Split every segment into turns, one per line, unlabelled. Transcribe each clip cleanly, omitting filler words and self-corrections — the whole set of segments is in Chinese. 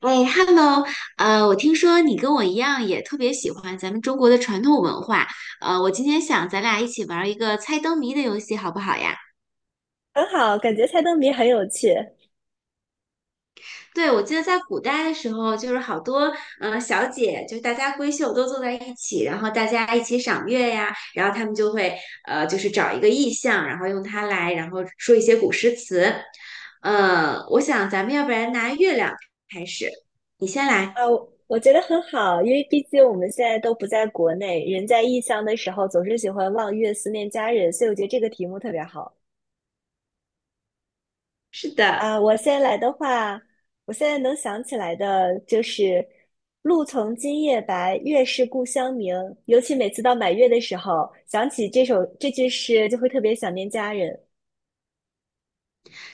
哎，Hello，我听说你跟我一样也特别喜欢咱们中国的传统文化，我今天想咱俩一起玩一个猜灯谜的游戏，好不好呀？
很好，感觉猜灯谜很有趣。
对，我记得在古代的时候，就是好多小姐，就是大家闺秀都坐在一起，然后大家一起赏月呀，然后他们就会就是找一个意象，然后用它来，然后说一些古诗词。我想咱们要不然拿月亮开始，你先
啊，
来。
我觉得很好，因为毕竟我们现在都不在国内，人在异乡的时候总是喜欢望月思念家人，所以我觉得这个题目特别好。
是的。
啊。我现在来的话，我现在能想起来的就是“露从今夜白，月是故乡明”，尤其每次到满月的时候，想起这句诗，就会特别想念家人。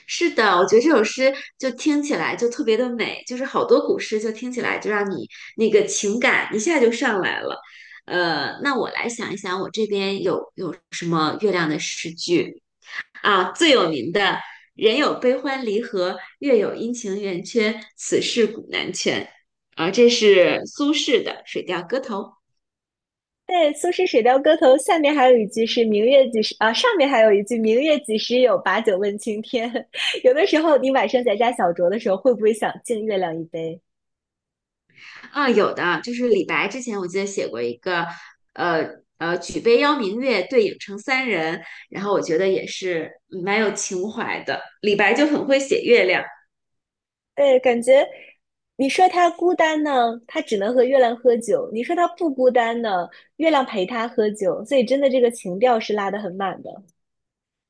是的，我觉得这首诗就听起来就特别的美，就是好多古诗就听起来就让你那个情感一下就上来了。那我来想一想，我这边有什么月亮的诗句啊？最有名的"人有悲欢离合，月有阴晴圆缺，此事古难全"，啊，这是苏轼的《水调歌头》。
对，苏轼《水调歌头》下面还有一句是“明月几时”，啊，上面还有一句“明月几时有，把酒问青天”。 有的时候，你晚上在家小酌的时候，会不会想敬月亮一杯？
啊，有的，就是李白之前我记得写过一个，呃举杯邀明月，对影成三人，然后我觉得也是蛮有情怀的。李白就很会写月亮，
对，感觉你说他孤单呢，他只能和月亮喝酒；你说他不孤单呢，月亮陪他喝酒。所以，真的这个情调是拉得很满的。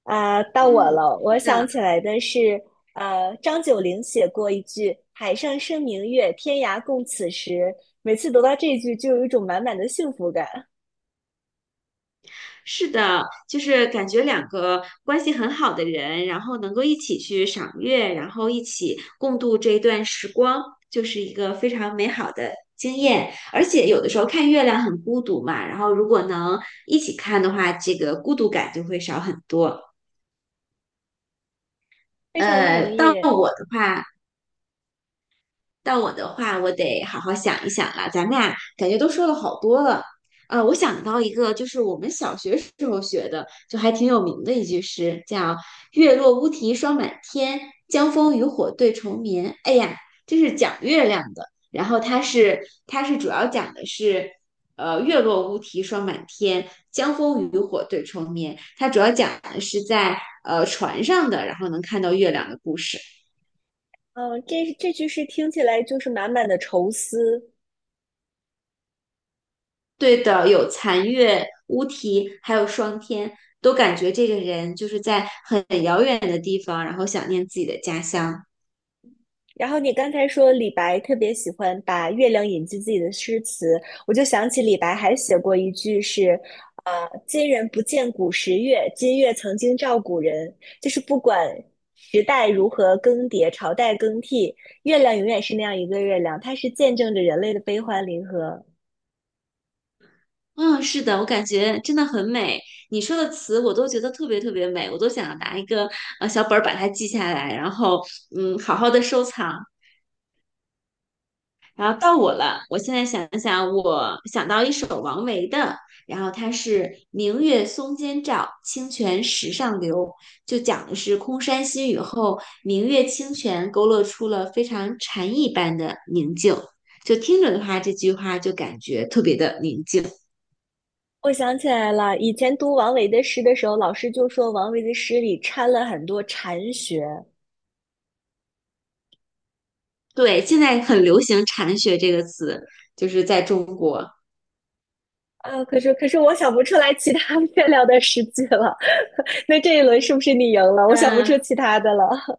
啊，到我
嗯，
了。
是
我想
的，
起来的是，张九龄写过一句“海上生明月，天涯共此时”。每次读到这句，就有一种满满的幸福感。
是的，就是感觉两个关系很好的人，然后能够一起去赏月，然后一起共度这一段时光，就是一个非常美好的经验。而且有的时候看月亮很孤独嘛，然后如果能一起看的话，这个孤独感就会少很多。
非常同
到
意。
我的话，我得好好想一想了。咱们俩感觉都说了好多了。我想到一个，就是我们小学时候学的，就还挺有名的一句诗，叫"月落乌啼霜满天，江枫渔火对愁眠"。哎呀，这是讲月亮的。然后它是主要讲的是，月落乌啼霜满天，江枫渔火对愁眠。它主要讲的是在船上的，然后能看到月亮的故事。
嗯，这句诗听起来就是满满的愁思。
对的，有残月、乌啼，还有霜天，都感觉这个人就是在很遥远的地方，然后想念自己的家乡。
然后你刚才说李白特别喜欢把月亮引进自己的诗词，我就想起李白还写过一句是，呃，今人不见古时月，今月曾经照古人。就是不管时代如何更迭，朝代更替，月亮永远是那样一个月亮，它是见证着人类的悲欢离合。
嗯，是的，我感觉真的很美。你说的词我都觉得特别特别美，我都想要拿一个小本儿把它记下来，然后好好的收藏。然后到我了，我现在想想，我想到一首王维的，然后他是"明月松间照，清泉石上流"，就讲的是空山新雨后，明月清泉勾勒出了非常禅意般的宁静。就听着的话，这句话就感觉特别的宁静。
我想起来了，以前读王维的诗的时候，老师就说王维的诗里掺了很多禅学。
对，现在很流行"禅学"这个词，就是在中国。
啊，可是我想不出来其他 月亮的诗句了。那这一轮是不是你赢了？我想不
嗯，
出其他的了。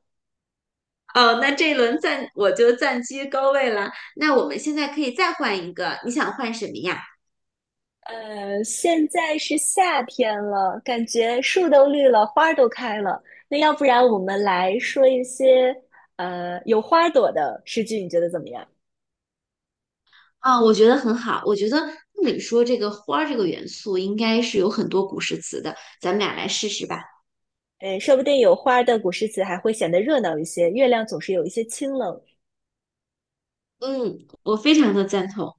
哦，那这一轮暂我就暂居高位了。那我们现在可以再换一个，你想换什么呀？
呃，现在是夏天了，感觉树都绿了，花都开了。那要不然我们来说一些有花朵的诗句，你觉得怎么样？
啊，我觉得很好。我觉得按理说这个花儿这个元素应该是有很多古诗词的，咱们俩来试试吧。
嗯，说不定有花的古诗词还会显得热闹一些。月亮总是有一些清冷。
嗯，我非常的赞同。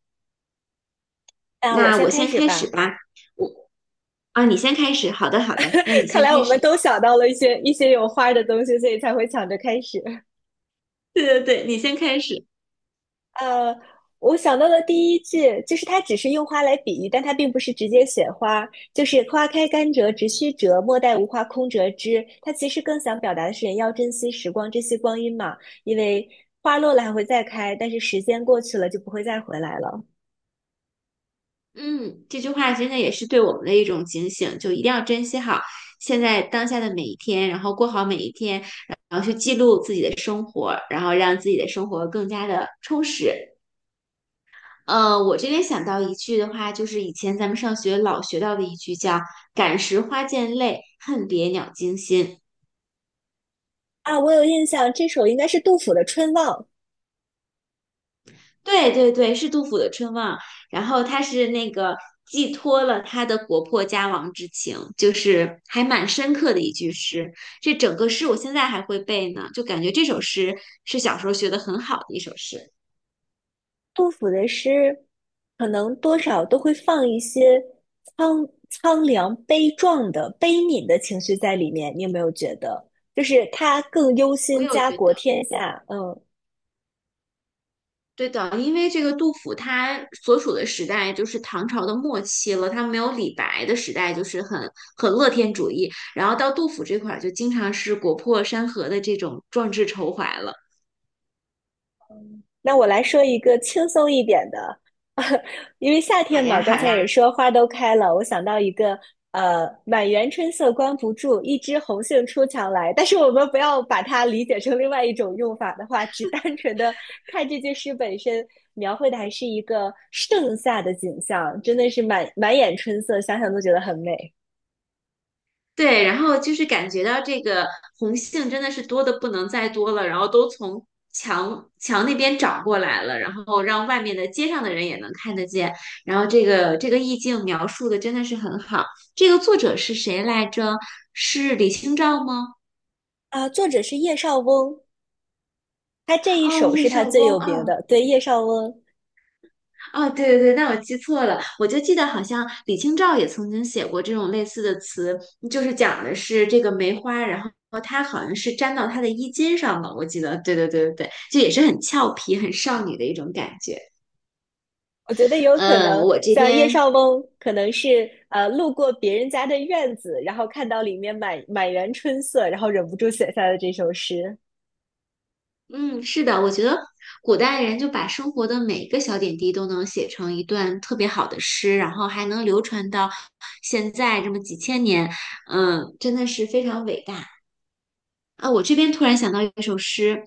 那我
那
先
我
开
先
始
开始
吧。
吧。我啊，你先开始。好的，好的，那你
看
先
来
开
我们
始。
都想到了一些有花的东西，所以才会抢着开始。
对对对，你先开始。
呃，我想到了第一句就是它只是用花来比喻，但它并不是直接写花，就是花开堪折直须折，莫待无花空折枝。它其实更想表达的是人要珍惜时光，珍惜光阴嘛，因为花落了还会再开，但是时间过去了就不会再回来了。
嗯，这句话真的也是对我们的一种警醒，就一定要珍惜好现在当下的每一天，然后过好每一天，然后去记录自己的生活，然后让自己的生活更加的充实。我这边想到一句的话，就是以前咱们上学老学到的一句叫"感时花溅泪，恨别鸟惊心"。
啊，我有印象，这首应该是杜甫的《春望》。
对对对，是杜甫的《春望》，然后他是那个寄托了他的国破家亡之情，就是还蛮深刻的一句诗。这整个诗我现在还会背呢，就感觉这首诗是小时候学的很好的一首诗。
杜甫的诗可能多少都会放一些苍凉、悲壮的、悲悯的情绪在里面，你有没有觉得？就是他更忧
我
心
有
家
觉
国
得。
天下，嗯，
对的，因为这个杜甫他所处的时代就是唐朝的末期了，他没有李白的时代，就是很乐天主义。然后到杜甫这块儿，就经常是国破山河的这种壮志愁怀了，
那我来说一个轻松一点的，因为夏
好
天嘛，
呀好
刚才也
呀。
说花都开了，我想到一个，呃，满园春色关不住，一枝红杏出墙来。但是我们不要把它理解成另外一种用法的话，只单纯的看这句诗本身描绘的还是一个盛夏的景象，真的是满满眼春色，想想都觉得很美。
对，然后就是感觉到这个红杏真的是多的不能再多了，然后都从墙那边找过来了，然后让外面的街上的人也能看得见，然后这个意境描述的真的是很好。这个作者是谁来着？是李清照吗？
啊。作者是叶绍翁，他这一
哦，
首
叶
是他
绍
最
翁
有名
哦，
的，对，叶绍翁。
哦，对对对，那我记错了，我就记得好像李清照也曾经写过这种类似的词，就是讲的是这个梅花，然后它好像是粘到她的衣襟上了，我记得，对对对对对，就也是很俏皮、很少女的一种感觉。
我觉得有可
嗯，
能，
我这
像叶
边，
绍翁，可能是路过别人家的院子，然后看到里面满满园春色，然后忍不住写下了这首诗。
嗯，是的，我觉得古代人就把生活的每一个小点滴都能写成一段特别好的诗，然后还能流传到现在这么几千年，嗯，真的是非常伟大。啊，我这边突然想到一首诗，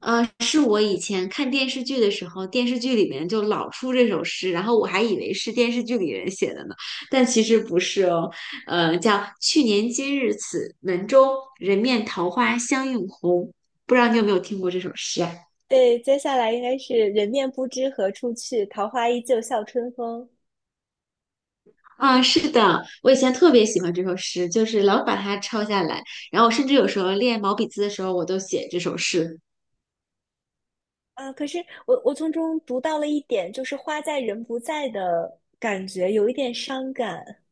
是我以前看电视剧的时候，电视剧里面就老出这首诗，然后我还以为是电视剧里人写的呢，但其实不是哦，叫去年今日此门中，人面桃花相映红，不知道你有没有听过这首诗啊？
对，接下来应该是“人面不知何处去，桃花依旧笑春风”。
啊，是的，我以前特别喜欢这首诗，就是老把它抄下来，然后甚至有时候练毛笔字的时候，我都写这首诗。
啊。可是我从中读到了一点，就是花在人不在的感觉，有一点伤感。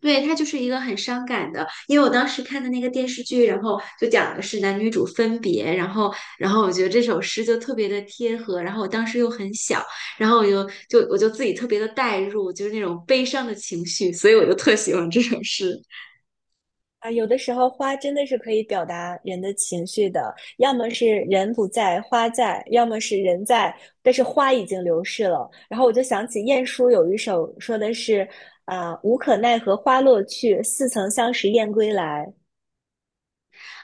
对，它就是一个很伤感的，因为我当时看的那个电视剧，然后就讲的是男女主分别，然后我觉得这首诗就特别的贴合，然后我当时又很小，然后我就自己特别的带入，就是那种悲伤的情绪，所以我就特喜欢这首诗
啊，有的时候花真的是可以表达人的情绪的，要么是人不在，花在；要么是人在，但是花已经流逝了。然后我就想起晏殊有一首说的是，啊、无可奈何花落去，似曾相识燕归来。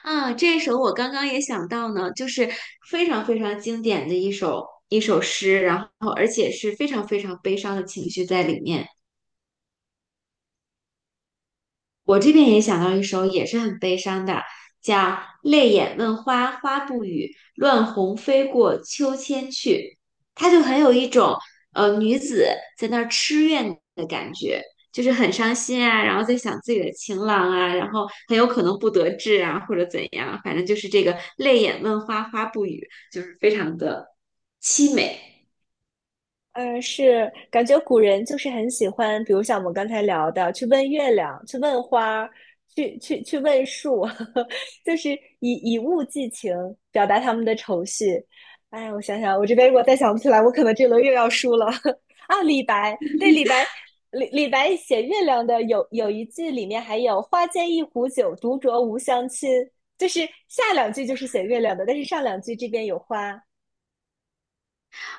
啊。这首我刚刚也想到呢，就是非常非常经典的一首诗，然后而且是非常非常悲伤的情绪在里面。我这边也想到一首也是很悲伤的，叫《泪眼问花花不语，乱红飞过秋千去》，它就很有一种女子在那儿痴怨的感觉，就是很伤心啊，然后在想自己的情郎啊，然后很有可能不得志啊，或者怎样，反正就是这个泪眼问花花不语，就是非常的凄美。
呃，是感觉古人就是很喜欢，比如像我们刚才聊的，去问月亮，去问花儿去问树，就是以物寄情，表达他们的愁绪。哎，我想想，我这边如果再想不起来，我可能这轮又要输了。啊，李白，对，李白，李白写月亮的有一句里面还有“花间一壶酒，独酌无相亲”，就是下两句就是写月亮的，但是上两句这边有花。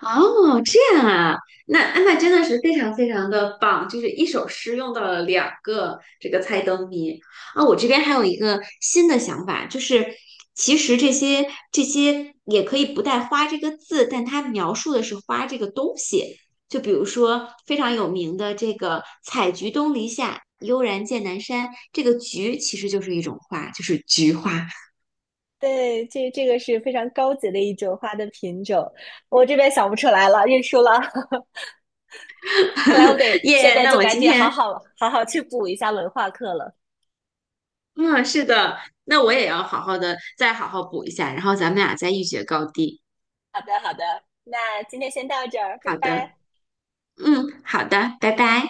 哦，这样啊，那真的是非常非常的棒，就是一首诗用到了两个这个猜灯谜啊。我这边还有一个新的想法，就是其实这些也可以不带"花"这个字，但它描述的是花这个东西。就比如说非常有名的这个"采菊东篱下，悠然见南山"，这个"菊"其实就是一种花，就是菊花。
对，这这个是非常高级的一种花的品种，我这边想不出来了，认输了。看来我 得现
耶
在
那
就
我
赶
今
紧好
天
好好好去补一下文化课了。
嗯，是的，那我也要好好的再好好补一下，然后咱们俩再一决高低。
好的，好的，那今天先到这儿，拜
好的，
拜。
嗯，好的，拜拜。